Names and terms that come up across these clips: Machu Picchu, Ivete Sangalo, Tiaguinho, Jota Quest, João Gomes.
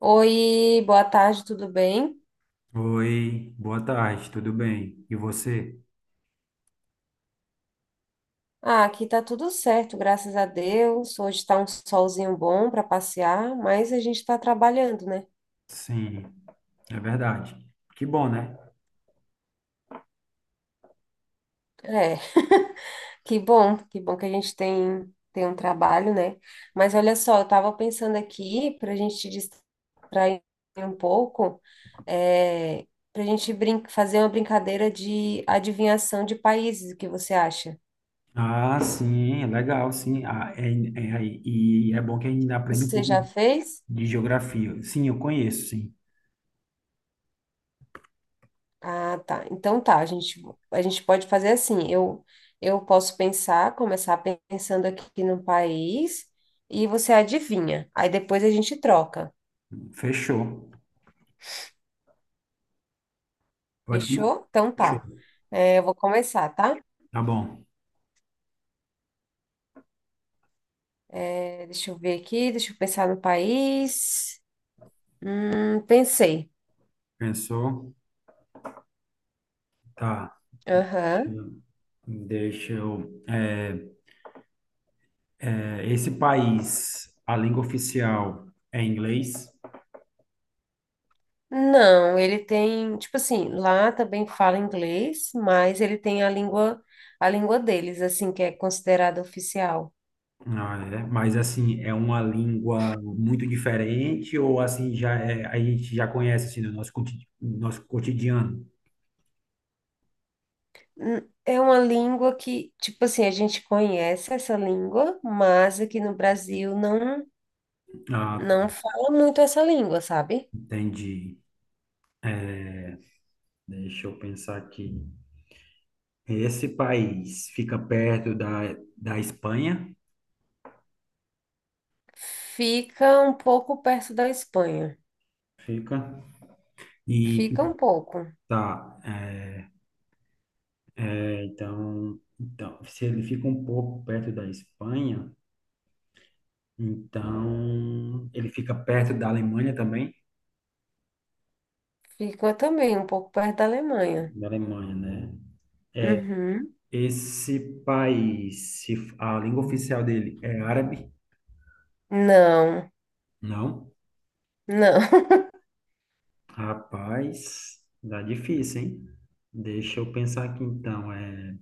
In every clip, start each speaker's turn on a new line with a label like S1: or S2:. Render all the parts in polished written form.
S1: Oi, boa tarde, tudo bem?
S2: Oi, boa tarde, tudo bem? E você?
S1: Ah, aqui tá tudo certo, graças a Deus. Hoje tá um solzinho bom para passear, mas a gente tá trabalhando, né?
S2: Sim, é verdade. Que bom, né?
S1: É, que bom, que bom que a gente tem um trabalho, né? Mas olha só, eu tava pensando aqui para a gente te distrair um pouco, é, para a gente brin fazer uma brincadeira de adivinhação de países, o que você acha?
S2: Ah, sim, é legal, sim. Ah, e é bom que a gente ainda aprende um
S1: Você
S2: pouco
S1: já fez?
S2: de geografia. Sim, eu conheço, sim.
S1: Ah, tá. Então tá, a gente pode fazer assim. Eu posso pensar, começar pensando aqui no país e você adivinha. Aí depois a gente troca.
S2: Fechou. Pode começar.
S1: Fechou? Então
S2: Fechou.
S1: tá. É, eu vou começar, tá?
S2: Tá bom.
S1: É, deixa eu ver aqui, deixa eu pensar no país. Pensei.
S2: Pensou? Tá.
S1: Aham.
S2: Deixa eu. Esse país, a língua oficial é inglês?
S1: Não, ele tem, tipo assim, lá também fala inglês, mas ele tem a língua deles, assim, que é considerada oficial.
S2: Ah, é. Mas assim, é uma língua muito diferente ou assim já é, a gente já conhece assim no nosso nosso cotidiano?
S1: Hum, É uma língua que, tipo assim, a gente conhece essa língua, mas aqui no Brasil
S2: Ah, tá,
S1: não fala muito essa língua, sabe?
S2: entendi. Deixa eu pensar aqui. Esse país fica perto da Espanha?
S1: Fica um pouco perto da Espanha.
S2: Fica. E
S1: Fica um pouco.
S2: tá, então, se ele fica um pouco perto da Espanha, então ele fica perto da Alemanha também?
S1: Fica também um pouco perto da Alemanha.
S2: Da Alemanha, né?
S1: Uhum.
S2: Esse país, se a língua oficial dele é árabe?
S1: Não,
S2: Não.
S1: não.
S2: Rapaz, dá difícil, hein? Deixa eu pensar aqui então. É,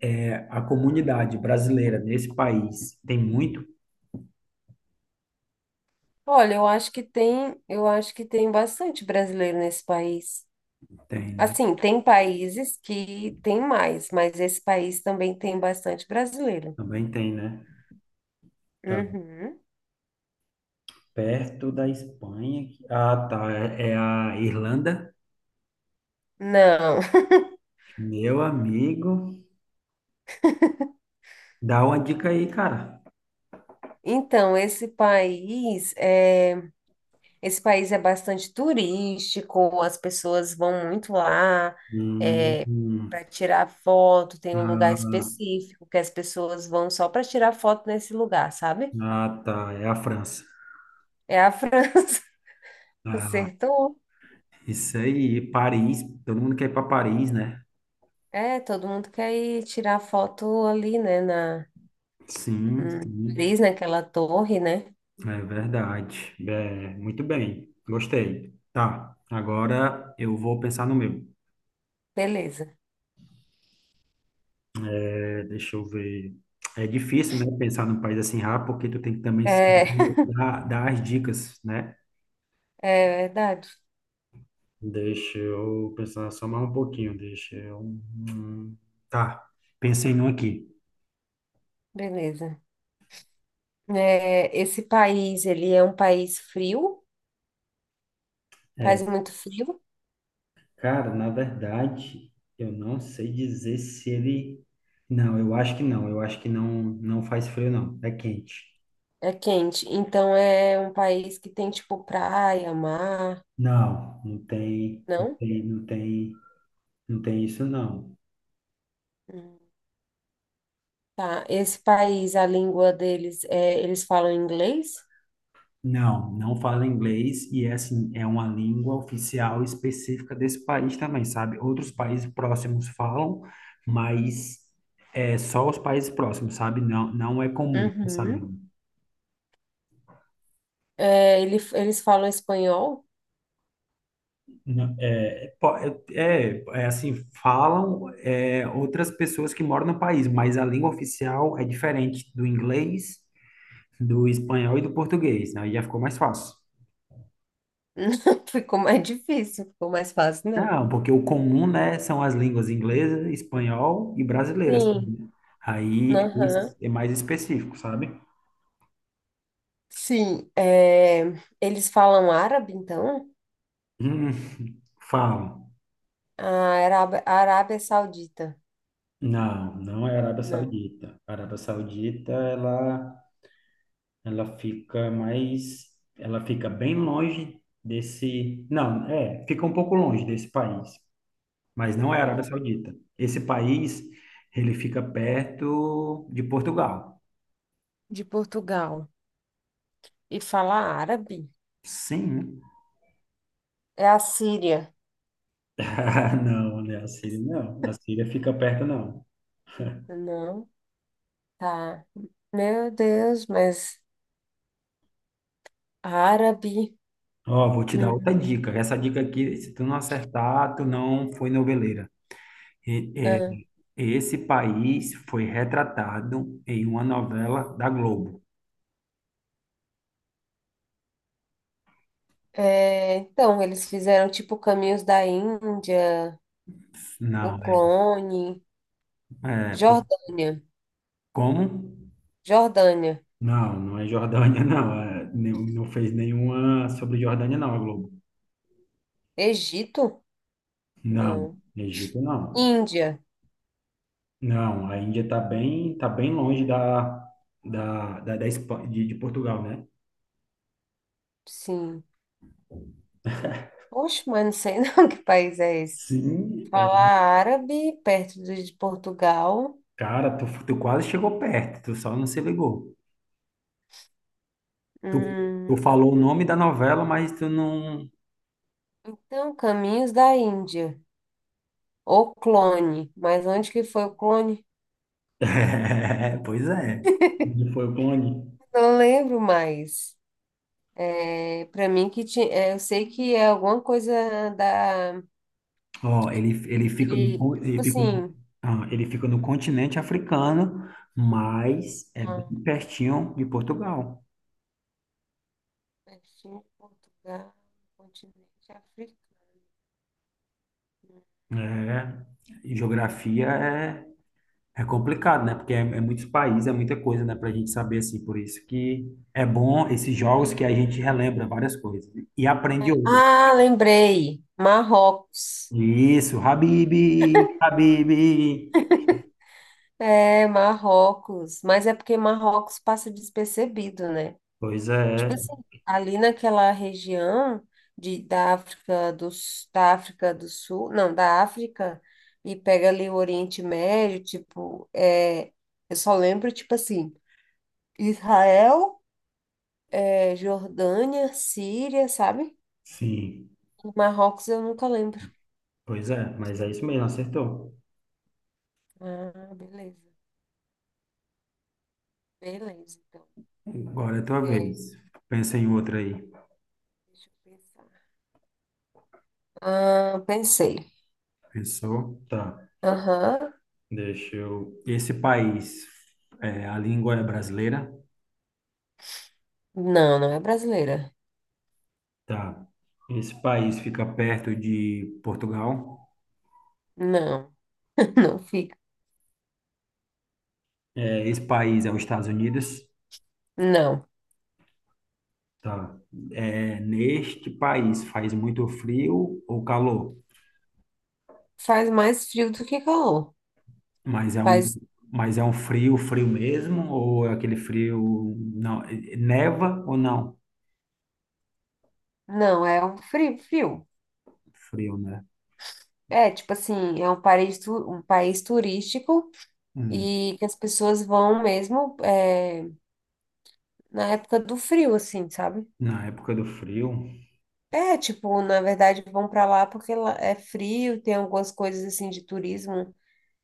S2: é, a comunidade brasileira nesse país tem muito?
S1: Olha, eu acho que tem, eu acho que tem bastante brasileiro nesse país.
S2: Tem, né?
S1: Assim, tem países que tem mais, mas esse país também tem bastante brasileiro.
S2: Também tem, né? Tá
S1: Uhum.
S2: perto da Espanha. Ah, tá. É a Irlanda.
S1: Não.
S2: Meu amigo, dá uma dica aí, cara.
S1: Então, esse país é bastante turístico, as pessoas vão muito lá,
S2: Hum,
S1: é, para
S2: hum.
S1: tirar foto, tem um lugar
S2: Ah,
S1: específico que as pessoas vão só para tirar foto nesse lugar, sabe?
S2: ah, tá. É a França.
S1: É a França.
S2: Ah,
S1: Acertou.
S2: isso aí, Paris, todo mundo quer ir para Paris, né?
S1: É, todo mundo quer ir tirar foto ali, né, na
S2: Sim,
S1: em
S2: sim,
S1: Paris, naquela torre, né?
S2: é verdade. É, muito bem, gostei. Tá, agora eu vou pensar no meu.
S1: Beleza.
S2: É, deixa eu ver. É difícil, né, pensar num país assim rápido, porque tu tem que também
S1: É,
S2: saber dar as dicas, né?
S1: é verdade.
S2: Deixa eu pensar só mais um pouquinho, deixa eu... Tá, pensei num aqui.
S1: Beleza. É, esse país, ele é um país frio, faz
S2: É,
S1: muito frio,
S2: Cara, na verdade, eu não sei dizer se ele. Não, eu acho que não. Eu acho que não, não faz frio, não. É quente.
S1: é quente. Então é um país que tem tipo praia, mar,
S2: Não, não tem, não
S1: não?
S2: tem, não tem, não tem isso, não.
S1: Hum. Tá. Esse país, a língua deles é, eles falam inglês?
S2: Não, não fala inglês e é assim, é uma língua oficial específica desse país também, sabe? Outros países próximos falam, mas é só os países próximos, sabe? Não, não é comum essa
S1: Uhum.
S2: língua.
S1: É, eles falam espanhol?
S2: Não, é, assim, falam outras pessoas que moram no país, mas a língua oficial é diferente do inglês, do espanhol e do português, né? Aí já ficou mais fácil.
S1: Não, ficou mais difícil, ficou mais fácil, não?
S2: Não, porque o comum, né, são as línguas inglesa, espanhol e brasileira, assim,
S1: Sim.
S2: né? Aí esse
S1: Aham.
S2: é mais específico, sabe?
S1: Sim. É, eles falam árabe, então?
S2: Hum, Falam.
S1: A a Arábia Saudita.
S2: Não, não é Arábia
S1: Não.
S2: Saudita. A Arábia Saudita, Ela fica mais, ela fica bem longe desse, não, fica um pouco longe desse país, mas não é a Arábia Saudita. Esse país, ele fica perto de Portugal.
S1: De Portugal e fala árabe?
S2: Sim, né?
S1: É a Síria.
S2: Ah, não, né? A Síria não. A Síria fica perto, não.
S1: Não, tá. Meu Deus, mas árabe.
S2: Ó, vou te dar outra
S1: Hum,
S2: dica. Essa dica aqui, se tu não acertar, tu não foi noveleira. E- é,
S1: ah.
S2: esse país foi retratado em uma novela da Globo.
S1: É, então, eles fizeram tipo Caminhos da Índia, O
S2: Não,
S1: Clone,
S2: é, é, por-
S1: Jordânia,
S2: como?
S1: Jordânia,
S2: Não, não é Jordânia, não. É, não fez nenhuma sobre Jordânia, não, a Globo.
S1: Egito?
S2: Não,
S1: Não.
S2: Egito não.
S1: Índia,
S2: Não, a Índia tá bem longe de Portugal, né?
S1: sim. Poxa, mas não sei não que país é esse.
S2: Sim,
S1: Fala árabe, de Portugal.
S2: cara, tu quase chegou perto, tu só não se ligou. Tu,
S1: Hum,
S2: tu falou o nome da novela, mas tu não.
S1: então, Caminhos da Índia. O Clone, mas onde que foi O Clone?
S2: É, pois é. Onde foi o clone?
S1: Não lembro mais. É, para mim que tinha, é, eu sei que é alguma coisa da
S2: Ó,
S1: ele, tipo assim,
S2: ele fica no continente africano, mas é bem
S1: ah,
S2: pertinho de Portugal.
S1: Palestina, Portugal, continente africano.
S2: É, e geografia é complicado, né? Porque é muitos países, é muita coisa, né? Pra gente saber, assim. Por isso que é bom esses jogos que a gente relembra várias coisas, né, e aprende outras.
S1: Ah, lembrei. Marrocos.
S2: Isso, Habib, Habib.
S1: É, Marrocos, mas é porque Marrocos passa despercebido, né?
S2: Pois é,
S1: Tipo assim, ali naquela região da da África do Sul, não, da África, e pega ali o Oriente Médio, tipo, é, eu só lembro, tipo assim, Israel, é, Jordânia, Síria, sabe?
S2: sim.
S1: E Marrocos eu nunca lembro.
S2: Pois é, mas é isso mesmo, acertou.
S1: Ah, beleza. Beleza, então.
S2: Agora é a tua vez.
S1: É,
S2: Pensa em outra aí.
S1: deixa eu pensar. Ah, pensei.
S2: Pensou? Tá.
S1: Aham.
S2: Deixa eu. Esse país, a língua é brasileira?
S1: Não, não é brasileira.
S2: Tá. Esse país fica perto de Portugal?
S1: Não, não fica.
S2: É, esse país é os Estados Unidos?
S1: Não.
S2: Tá. É, neste país faz muito frio ou calor?
S1: Faz mais frio do que calor.
S2: Mas é um,
S1: Faz,
S2: mas é um frio, frio mesmo? Ou é aquele frio. Não, neva ou não?
S1: não, é um frio, frio.
S2: Frio, né?
S1: É, tipo assim, é um país, um país turístico
S2: Hum,
S1: e que as pessoas vão mesmo é, na época do frio, assim, sabe?
S2: Na época do frio.
S1: É, tipo, na verdade vão pra lá porque lá é frio, tem algumas coisas assim de turismo,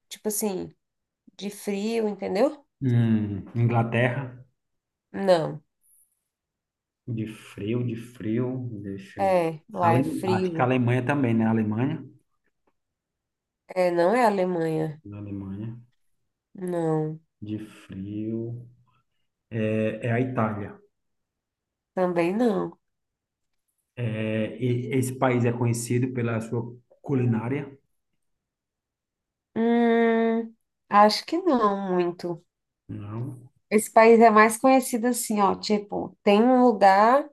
S1: tipo assim, de frio, entendeu?
S2: Inglaterra?
S1: Não,
S2: De frio, deixa eu...
S1: é, lá é
S2: Acho que a
S1: frio.
S2: Alemanha também, né? A Alemanha.
S1: É, não é Alemanha.
S2: Na Alemanha,
S1: Não,
S2: de frio. É a Itália.
S1: também não.
S2: É, esse país é conhecido pela sua culinária?
S1: Hum, acho que não muito.
S2: Não.
S1: Esse país é mais conhecido assim, ó, tipo, tem um lugar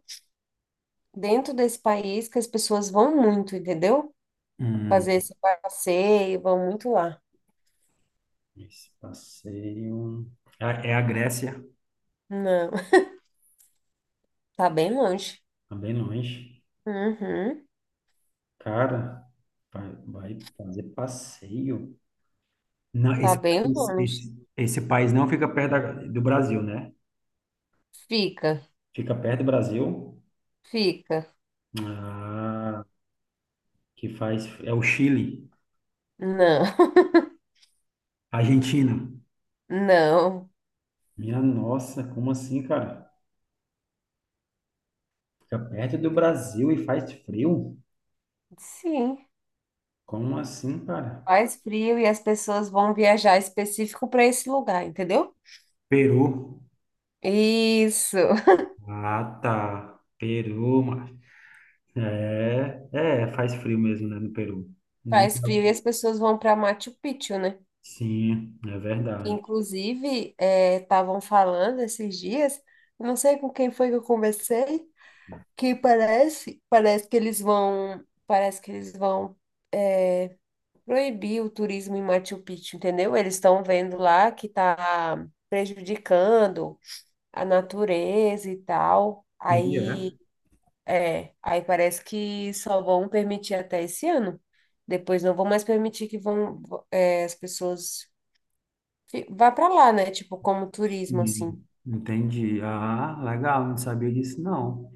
S1: dentro desse país que as pessoas vão muito, entendeu?
S2: Hum,
S1: Fazer esse passeio, vão muito lá.
S2: Esse passeio. É a Grécia?
S1: Não, tá bem longe.
S2: Também bem longe.
S1: Uhum,
S2: Cara, vai fazer passeio. Não,
S1: tá
S2: esse,
S1: bem
S2: esse,
S1: longe.
S2: esse, esse país não fica perto do Brasil, né?
S1: Fica,
S2: Fica perto do Brasil.
S1: fica.
S2: Ah. Que faz é o Chile,
S1: Não,
S2: Argentina.
S1: não.
S2: Minha nossa, como assim, cara? Fica perto do Brasil e faz frio?
S1: Sim,
S2: Como assim, cara?
S1: faz frio e as pessoas vão viajar específico para esse lugar, entendeu?
S2: Peru.
S1: Isso.
S2: Ah, tá. Peru, mas faz frio mesmo, né, no Peru. Nem
S1: Faz
S2: tá,
S1: frio e as pessoas vão para Machu Picchu, né?
S2: Sim, é verdade.
S1: Inclusive, estavam falando esses dias, não sei com quem foi que eu conversei, que parece que eles vão, parece que eles vão, é, proibir o turismo em Machu Picchu, entendeu? Eles estão vendo lá que está prejudicando a natureza e tal.
S2: E é.
S1: Aí, é, aí parece que só vão permitir até esse ano. Depois não vão mais permitir que vão, é, as pessoas vai pra lá, né? Tipo, como turismo, assim.
S2: Entendi. Ah, legal, não sabia disso não.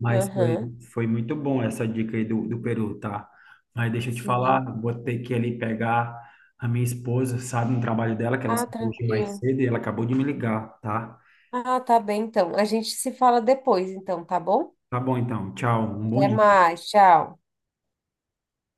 S2: Mas foi,
S1: Aham,
S2: foi muito bom essa dica aí do Peru, tá? Mas deixa eu te falar,
S1: sim.
S2: vou ter que ali pegar a minha esposa, sabe, no trabalho dela, que ela
S1: Ah,
S2: saiu hoje mais
S1: tranquilo.
S2: cedo e ela acabou de me ligar, tá?
S1: Ah, tá bem, então. A gente se fala depois, então, tá bom?
S2: Tá bom então, tchau, um bom
S1: Até
S2: dia.
S1: mais, tchau.